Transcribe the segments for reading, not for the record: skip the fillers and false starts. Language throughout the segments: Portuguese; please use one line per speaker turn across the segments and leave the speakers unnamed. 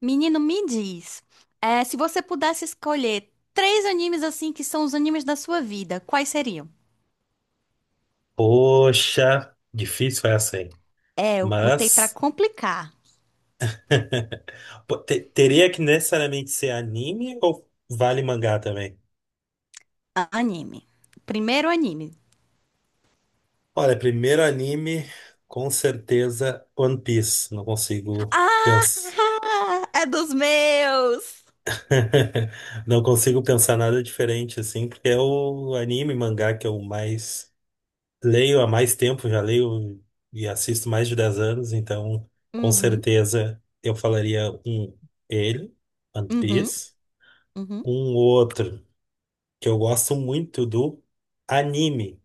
Menino, me diz, se você pudesse escolher três animes assim que são os animes da sua vida, quais seriam?
Poxa, difícil essa, hein?
É, eu botei pra
Mas
complicar.
pô, teria que necessariamente ser anime ou vale mangá também?
Anime. Primeiro anime.
Olha, primeiro anime, com certeza One Piece. Não consigo
Ah,
pensar.
é dos meus.
Não consigo pensar nada diferente assim, porque é o anime mangá que eu mais leio há mais tempo, já leio e assisto mais de 10 anos, então com
Uhum,
certeza eu falaria um ele, One
uhum,
Piece.
uhum,
Um outro que eu gosto muito do anime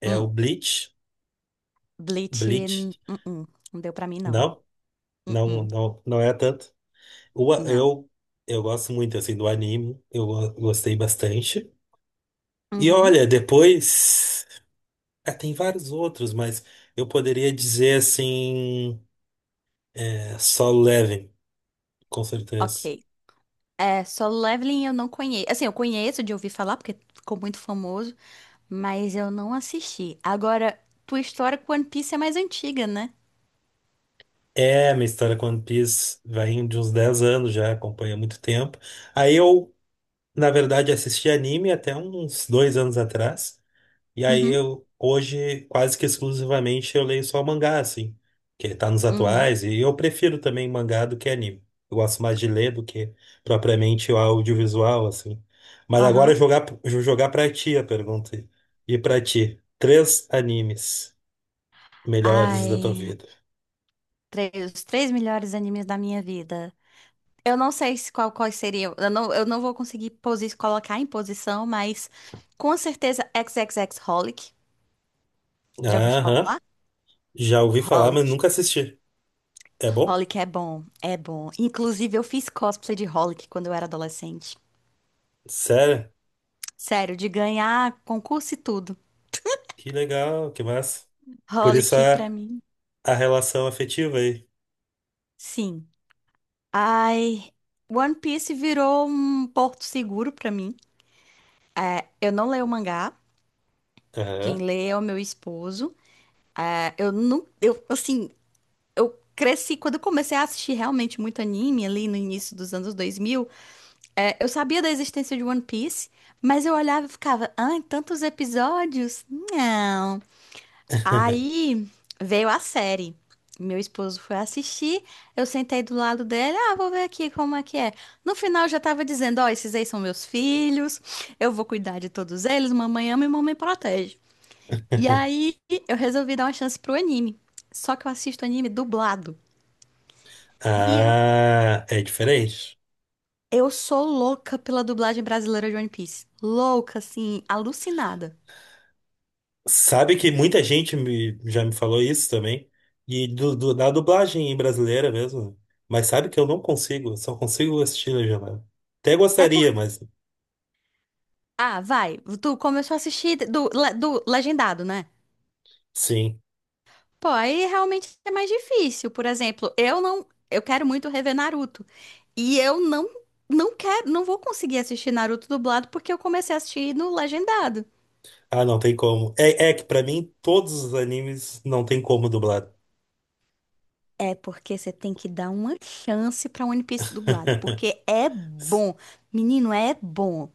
é o
hum.
Bleach.
Bleach,
Bleach.
hum. Não deu pra mim não.
Não,
Hum,
não,
hum,
não, não é tanto. O a-
não.
eu, eu gosto muito assim do anime. Gostei bastante. E
Uhum,
olha, depois, ah, tem vários outros, mas eu poderia dizer assim. É, Solo Leveling, com certeza.
ok. É, Solo Leveling eu não conheço. Assim, eu conheço de ouvir falar porque ficou muito famoso. Mas eu não assisti. Agora, tua história com One Piece é mais antiga, né?
É, minha história com One Piece vai de uns 10 anos já, acompanha há muito tempo. Aí eu Na verdade, assisti anime até uns 2 anos atrás. E aí
Uhum,
eu hoje, quase que exclusivamente, eu leio só mangá, assim, que tá nos
uhum,
atuais, e eu prefiro também mangá do que anime. Eu gosto mais de ler do que propriamente o audiovisual, assim. Mas agora
aham.
eu jogar pra ti a pergunta. E pra ti, três animes melhores da tua
Ai,
vida.
três, os três melhores animes da minha vida. Eu não sei se qual, quais seriam. Eu não vou conseguir posi colocar em posição, mas com certeza XXXHolic. Já ouviu
Aham,
falar?
já ouvi falar, mas
Holic.
nunca assisti. É bom?
Holic é bom, é bom. Inclusive, eu fiz cosplay de Holic quando eu era adolescente.
Sério?
Sério, de ganhar concurso e tudo.
Que legal, que massa. Por isso
Holic pra
a
mim,
A relação afetiva aí.
sim. Ai, One Piece virou um porto seguro pra mim. Eu não leio o mangá, quem
Aham.
lê é o meu esposo. Ah, eu não, eu assim, eu cresci quando eu comecei a assistir realmente muito anime ali no início dos anos 2000. Eu sabia da existência de One Piece, mas eu olhava e ficava, ai, tantos episódios? Não. Aí veio a série. Meu esposo foi assistir, eu sentei do lado dele, ah, vou ver aqui como é que é. No final já tava dizendo, ó, esses aí são meus filhos, eu vou cuidar de todos eles, mamãe ama e mamãe protege. E aí eu resolvi dar uma chance pro anime. Só que eu assisto anime dublado. E
Ah, é diferente.
eu sou louca pela dublagem brasileira de One Piece. Louca, assim, alucinada.
Sabe que já me falou isso também. E da dublagem brasileira mesmo. Mas sabe que eu não consigo, só consigo assistir legendado. Até
É
gostaria,
porque.
mas
Ah, vai. Tu começou a assistir do legendado, né?
sim.
Pô, aí realmente é mais difícil. Por exemplo, eu não, eu quero muito rever Naruto e eu não, não quero, não vou conseguir assistir Naruto dublado porque eu comecei a assistir no legendado.
Ah, não tem como. É, é que pra mim todos os animes não tem como dublar.
É porque você tem que dar uma chance pra One Piece dublado, porque é bom. Menino, é bom.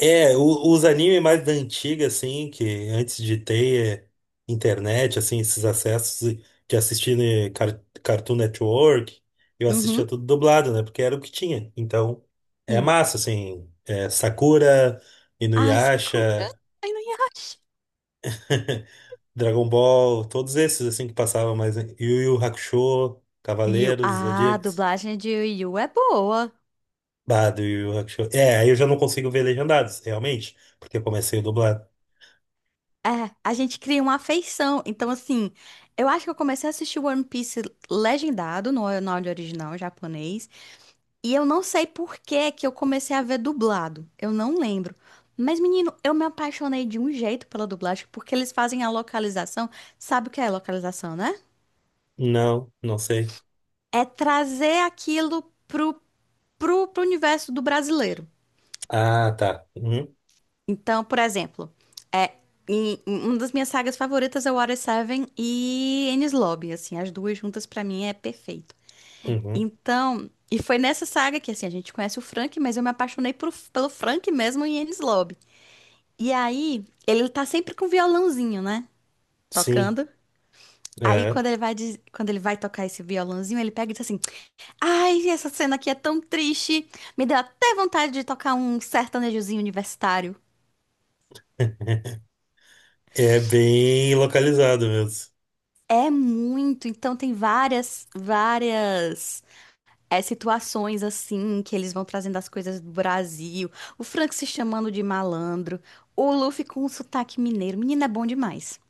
É, os animes mais da antiga, assim, que antes de ter internet, assim, esses acessos de assistir, né, Cartoon Network, eu assistia
Uhum,
tudo dublado, né? Porque era o que tinha. Então, é
sim.
massa, assim, é, Sakura,
Ai, Sakura,
Inuyasha,
ai, não acho.
Dragon Ball, todos esses, assim, que passavam mais, né? Yu Yu Hakusho,
Yu.
Cavaleiros,
Ah, a
Zodíacos.
dublagem de Yu é boa.
Bah, do Yu Yu Hakusho. É, aí eu já não consigo ver legendados, realmente, porque eu comecei o dublado.
É, a gente cria uma afeição. Então, assim, eu acho que eu comecei a assistir One Piece legendado, no áudio original japonês. E eu não sei por que que eu comecei a ver dublado. Eu não lembro. Mas, menino, eu me apaixonei de um jeito pela dublagem, porque eles fazem a localização. Sabe o que é localização, né?
Não, não sei.
É trazer aquilo pro, pro, pro universo do brasileiro.
Ah, tá. Uhum,
Então, por exemplo, é, uma das minhas sagas favoritas é Water Seven e Enies Lobby, assim, as duas juntas pra mim é perfeito.
uhum.
Então, e foi nessa saga que, assim, a gente conhece o Frank, mas eu me apaixonei pelo Frank mesmo em Enies Lobby. E aí, ele tá sempre com um violãozinho, né?
Sim.
Tocando. Aí,
É.
quando ele vai, diz- quando ele vai tocar esse violãozinho, ele pega e diz assim: ai, essa cena aqui é tão triste. Me deu até vontade de tocar um sertanejozinho universitário.
É bem localizado mesmo.
É muito, então tem várias, várias situações assim que eles vão trazendo as coisas do Brasil. O Frank se chamando de malandro, o Luffy com um sotaque mineiro. Menina, é bom demais.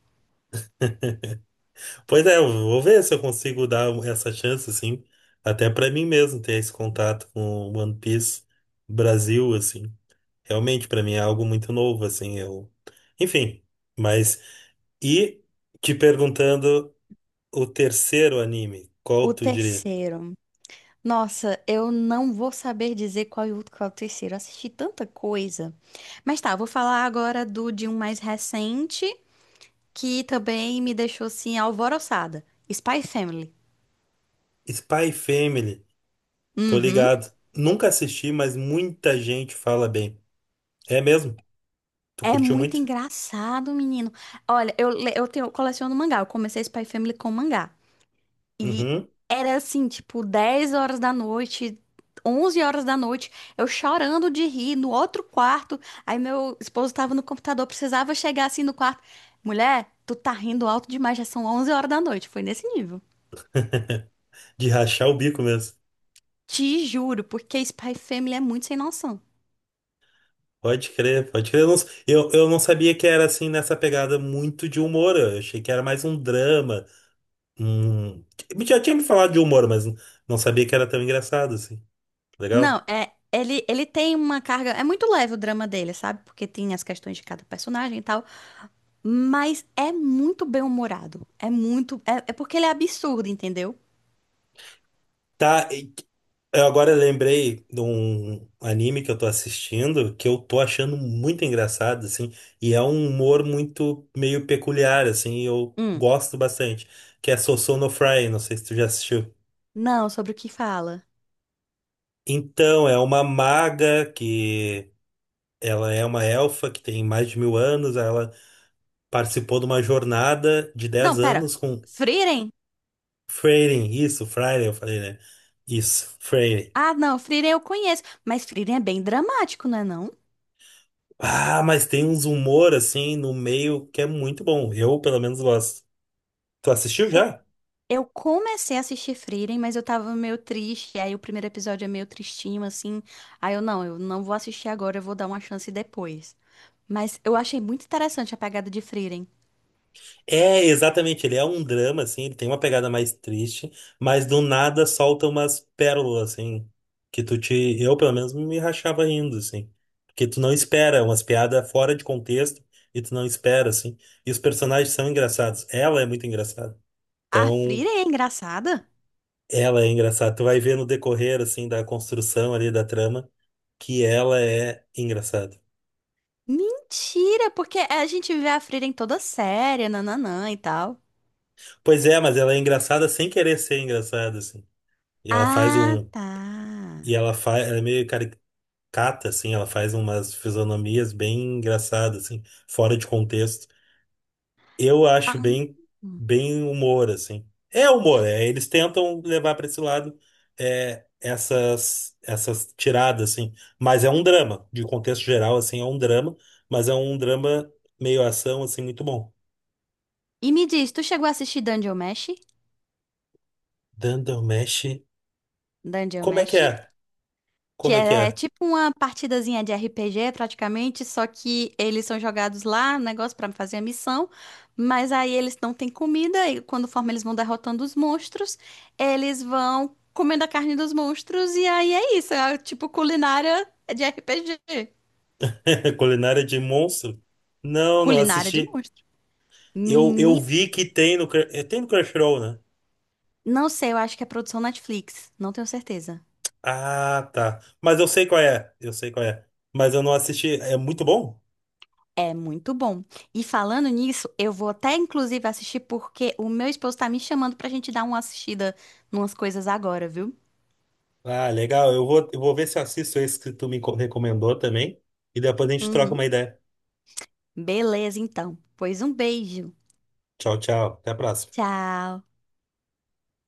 Pois é, eu vou ver se eu consigo dar essa chance, assim, até pra mim mesmo ter esse contato com One Piece Brasil, assim. Realmente, pra mim é algo muito novo, assim, eu... Enfim, mas... E te perguntando o terceiro anime, qual
O
tu diria?
terceiro. Nossa, eu não vou saber dizer qual é o terceiro. Eu assisti tanta coisa. Mas tá, eu vou falar agora do de um mais recente que também me deixou assim alvoroçada. Spy Family.
Spy Family, tô
Uhum.
ligado. Nunca assisti, mas muita gente fala bem. É mesmo? Tu
É
curtiu
muito
muito?
engraçado, menino. Olha, eu coleciono mangá. Eu comecei Spy Family com mangá. E
Uhum.
era assim, tipo, 10h da noite, 11h da noite, eu chorando de rir no outro quarto. Aí meu esposo tava no computador, precisava chegar assim no quarto. Mulher, tu tá rindo alto demais, já são 11h da noite. Foi nesse nível.
De rachar o bico mesmo.
Te juro, porque Spy Family é muito sem noção.
Pode crer, pode crer. Eu não sabia que era assim nessa pegada muito de humor. Eu achei que era mais um drama. Um... Já tinha me falado de humor, mas não sabia que era tão engraçado assim.
Não,
Legal?
é. Ele tem uma carga. É muito leve o drama dele, sabe? Porque tem as questões de cada personagem e tal. Mas é muito bem-humorado. É muito. É porque ele é absurdo, entendeu?
Tá, eu agora lembrei de um anime que eu tô assistindo que eu tô achando muito engraçado, assim, e é um humor muito meio peculiar, assim, e eu
Hum.
gosto bastante, que é Sosou no Fry, não sei se tu já assistiu.
Não, sobre o que fala.
Então, é uma maga que ela é uma elfa que tem mais de 1000 anos. Ela participou de uma jornada de
Não,
10
pera.
anos com
Frieren?
Freyrin. Isso, Freyrin, eu falei, né? Isso, Freyrin.
Ah, não, Frieren eu conheço. Mas Frieren é bem dramático, não é não?
Ah, mas tem uns humor assim no meio que é muito bom. Eu, pelo menos, gosto. Tu assistiu
Eu,
já?
eu comecei a assistir Frieren, mas eu tava meio triste. Aí o primeiro episódio é meio tristinho, assim. Aí eu não vou assistir agora, eu vou dar uma chance depois. Mas eu achei muito interessante a pegada de Frieren.
É, exatamente, ele é um drama, assim, ele tem uma pegada mais triste, mas do nada solta umas pérolas, assim, que tu te... Eu, pelo menos, me rachava rindo, assim. Porque tu não espera, é umas piadas fora de contexto, e tu não espera, assim. E os personagens são engraçados. Ela é muito engraçada.
A
Então,
Frieren é engraçada?
ela é engraçada. Tu vai ver no decorrer, assim, da construção ali da trama, que ela é engraçada.
Mentira, porque a gente vê a Frida em toda séria, nananã e tal.
Pois é, mas ela é engraçada sem querer ser engraçada, assim. E ela faz
Ah,
um...
tá.
E ela faz... Ela é meio caricatura cata, assim, ela faz umas fisionomias bem engraçadas, assim, fora de contexto. Eu acho
Ah.
bem, bem humor, assim. É humor, é, eles tentam levar para esse lado, é, essas tiradas, assim. Mas é um drama, de contexto geral, assim, é um drama, mas é um drama meio ação, assim, muito bom.
E me diz, tu chegou a assistir Dungeon Mesh?
Dandelmesh,
Dungeon
como é que
Mesh?
é?
Que
Como é que
é
é?
tipo uma partidazinha de RPG, praticamente, só que eles são jogados lá, um negócio pra fazer a missão, mas aí eles não têm comida, e quando forma eles vão derrotando os monstros, eles vão comendo a carne dos monstros, e aí é isso, é tipo culinária de RPG.
Culinária de monstro? Não, não
Culinária de
assisti.
monstros.
Eu
Menino,
vi que tem no, é, tem no Crunchyroll, né?
não sei, eu acho que é produção Netflix, não tenho certeza.
Ah, tá. Mas eu sei qual é. Eu sei qual é. Mas eu não assisti. É muito bom?
É muito bom. E falando nisso, eu vou até inclusive assistir porque o meu esposo tá me chamando pra gente dar uma assistida numas coisas agora, viu?
Ah, legal. Eu vou ver se eu assisto esse que tu recomendou também. E depois a gente troca
Uhum.
uma ideia.
Beleza, então. Pois um beijo.
Tchau, tchau. Até a próxima.
Tchau.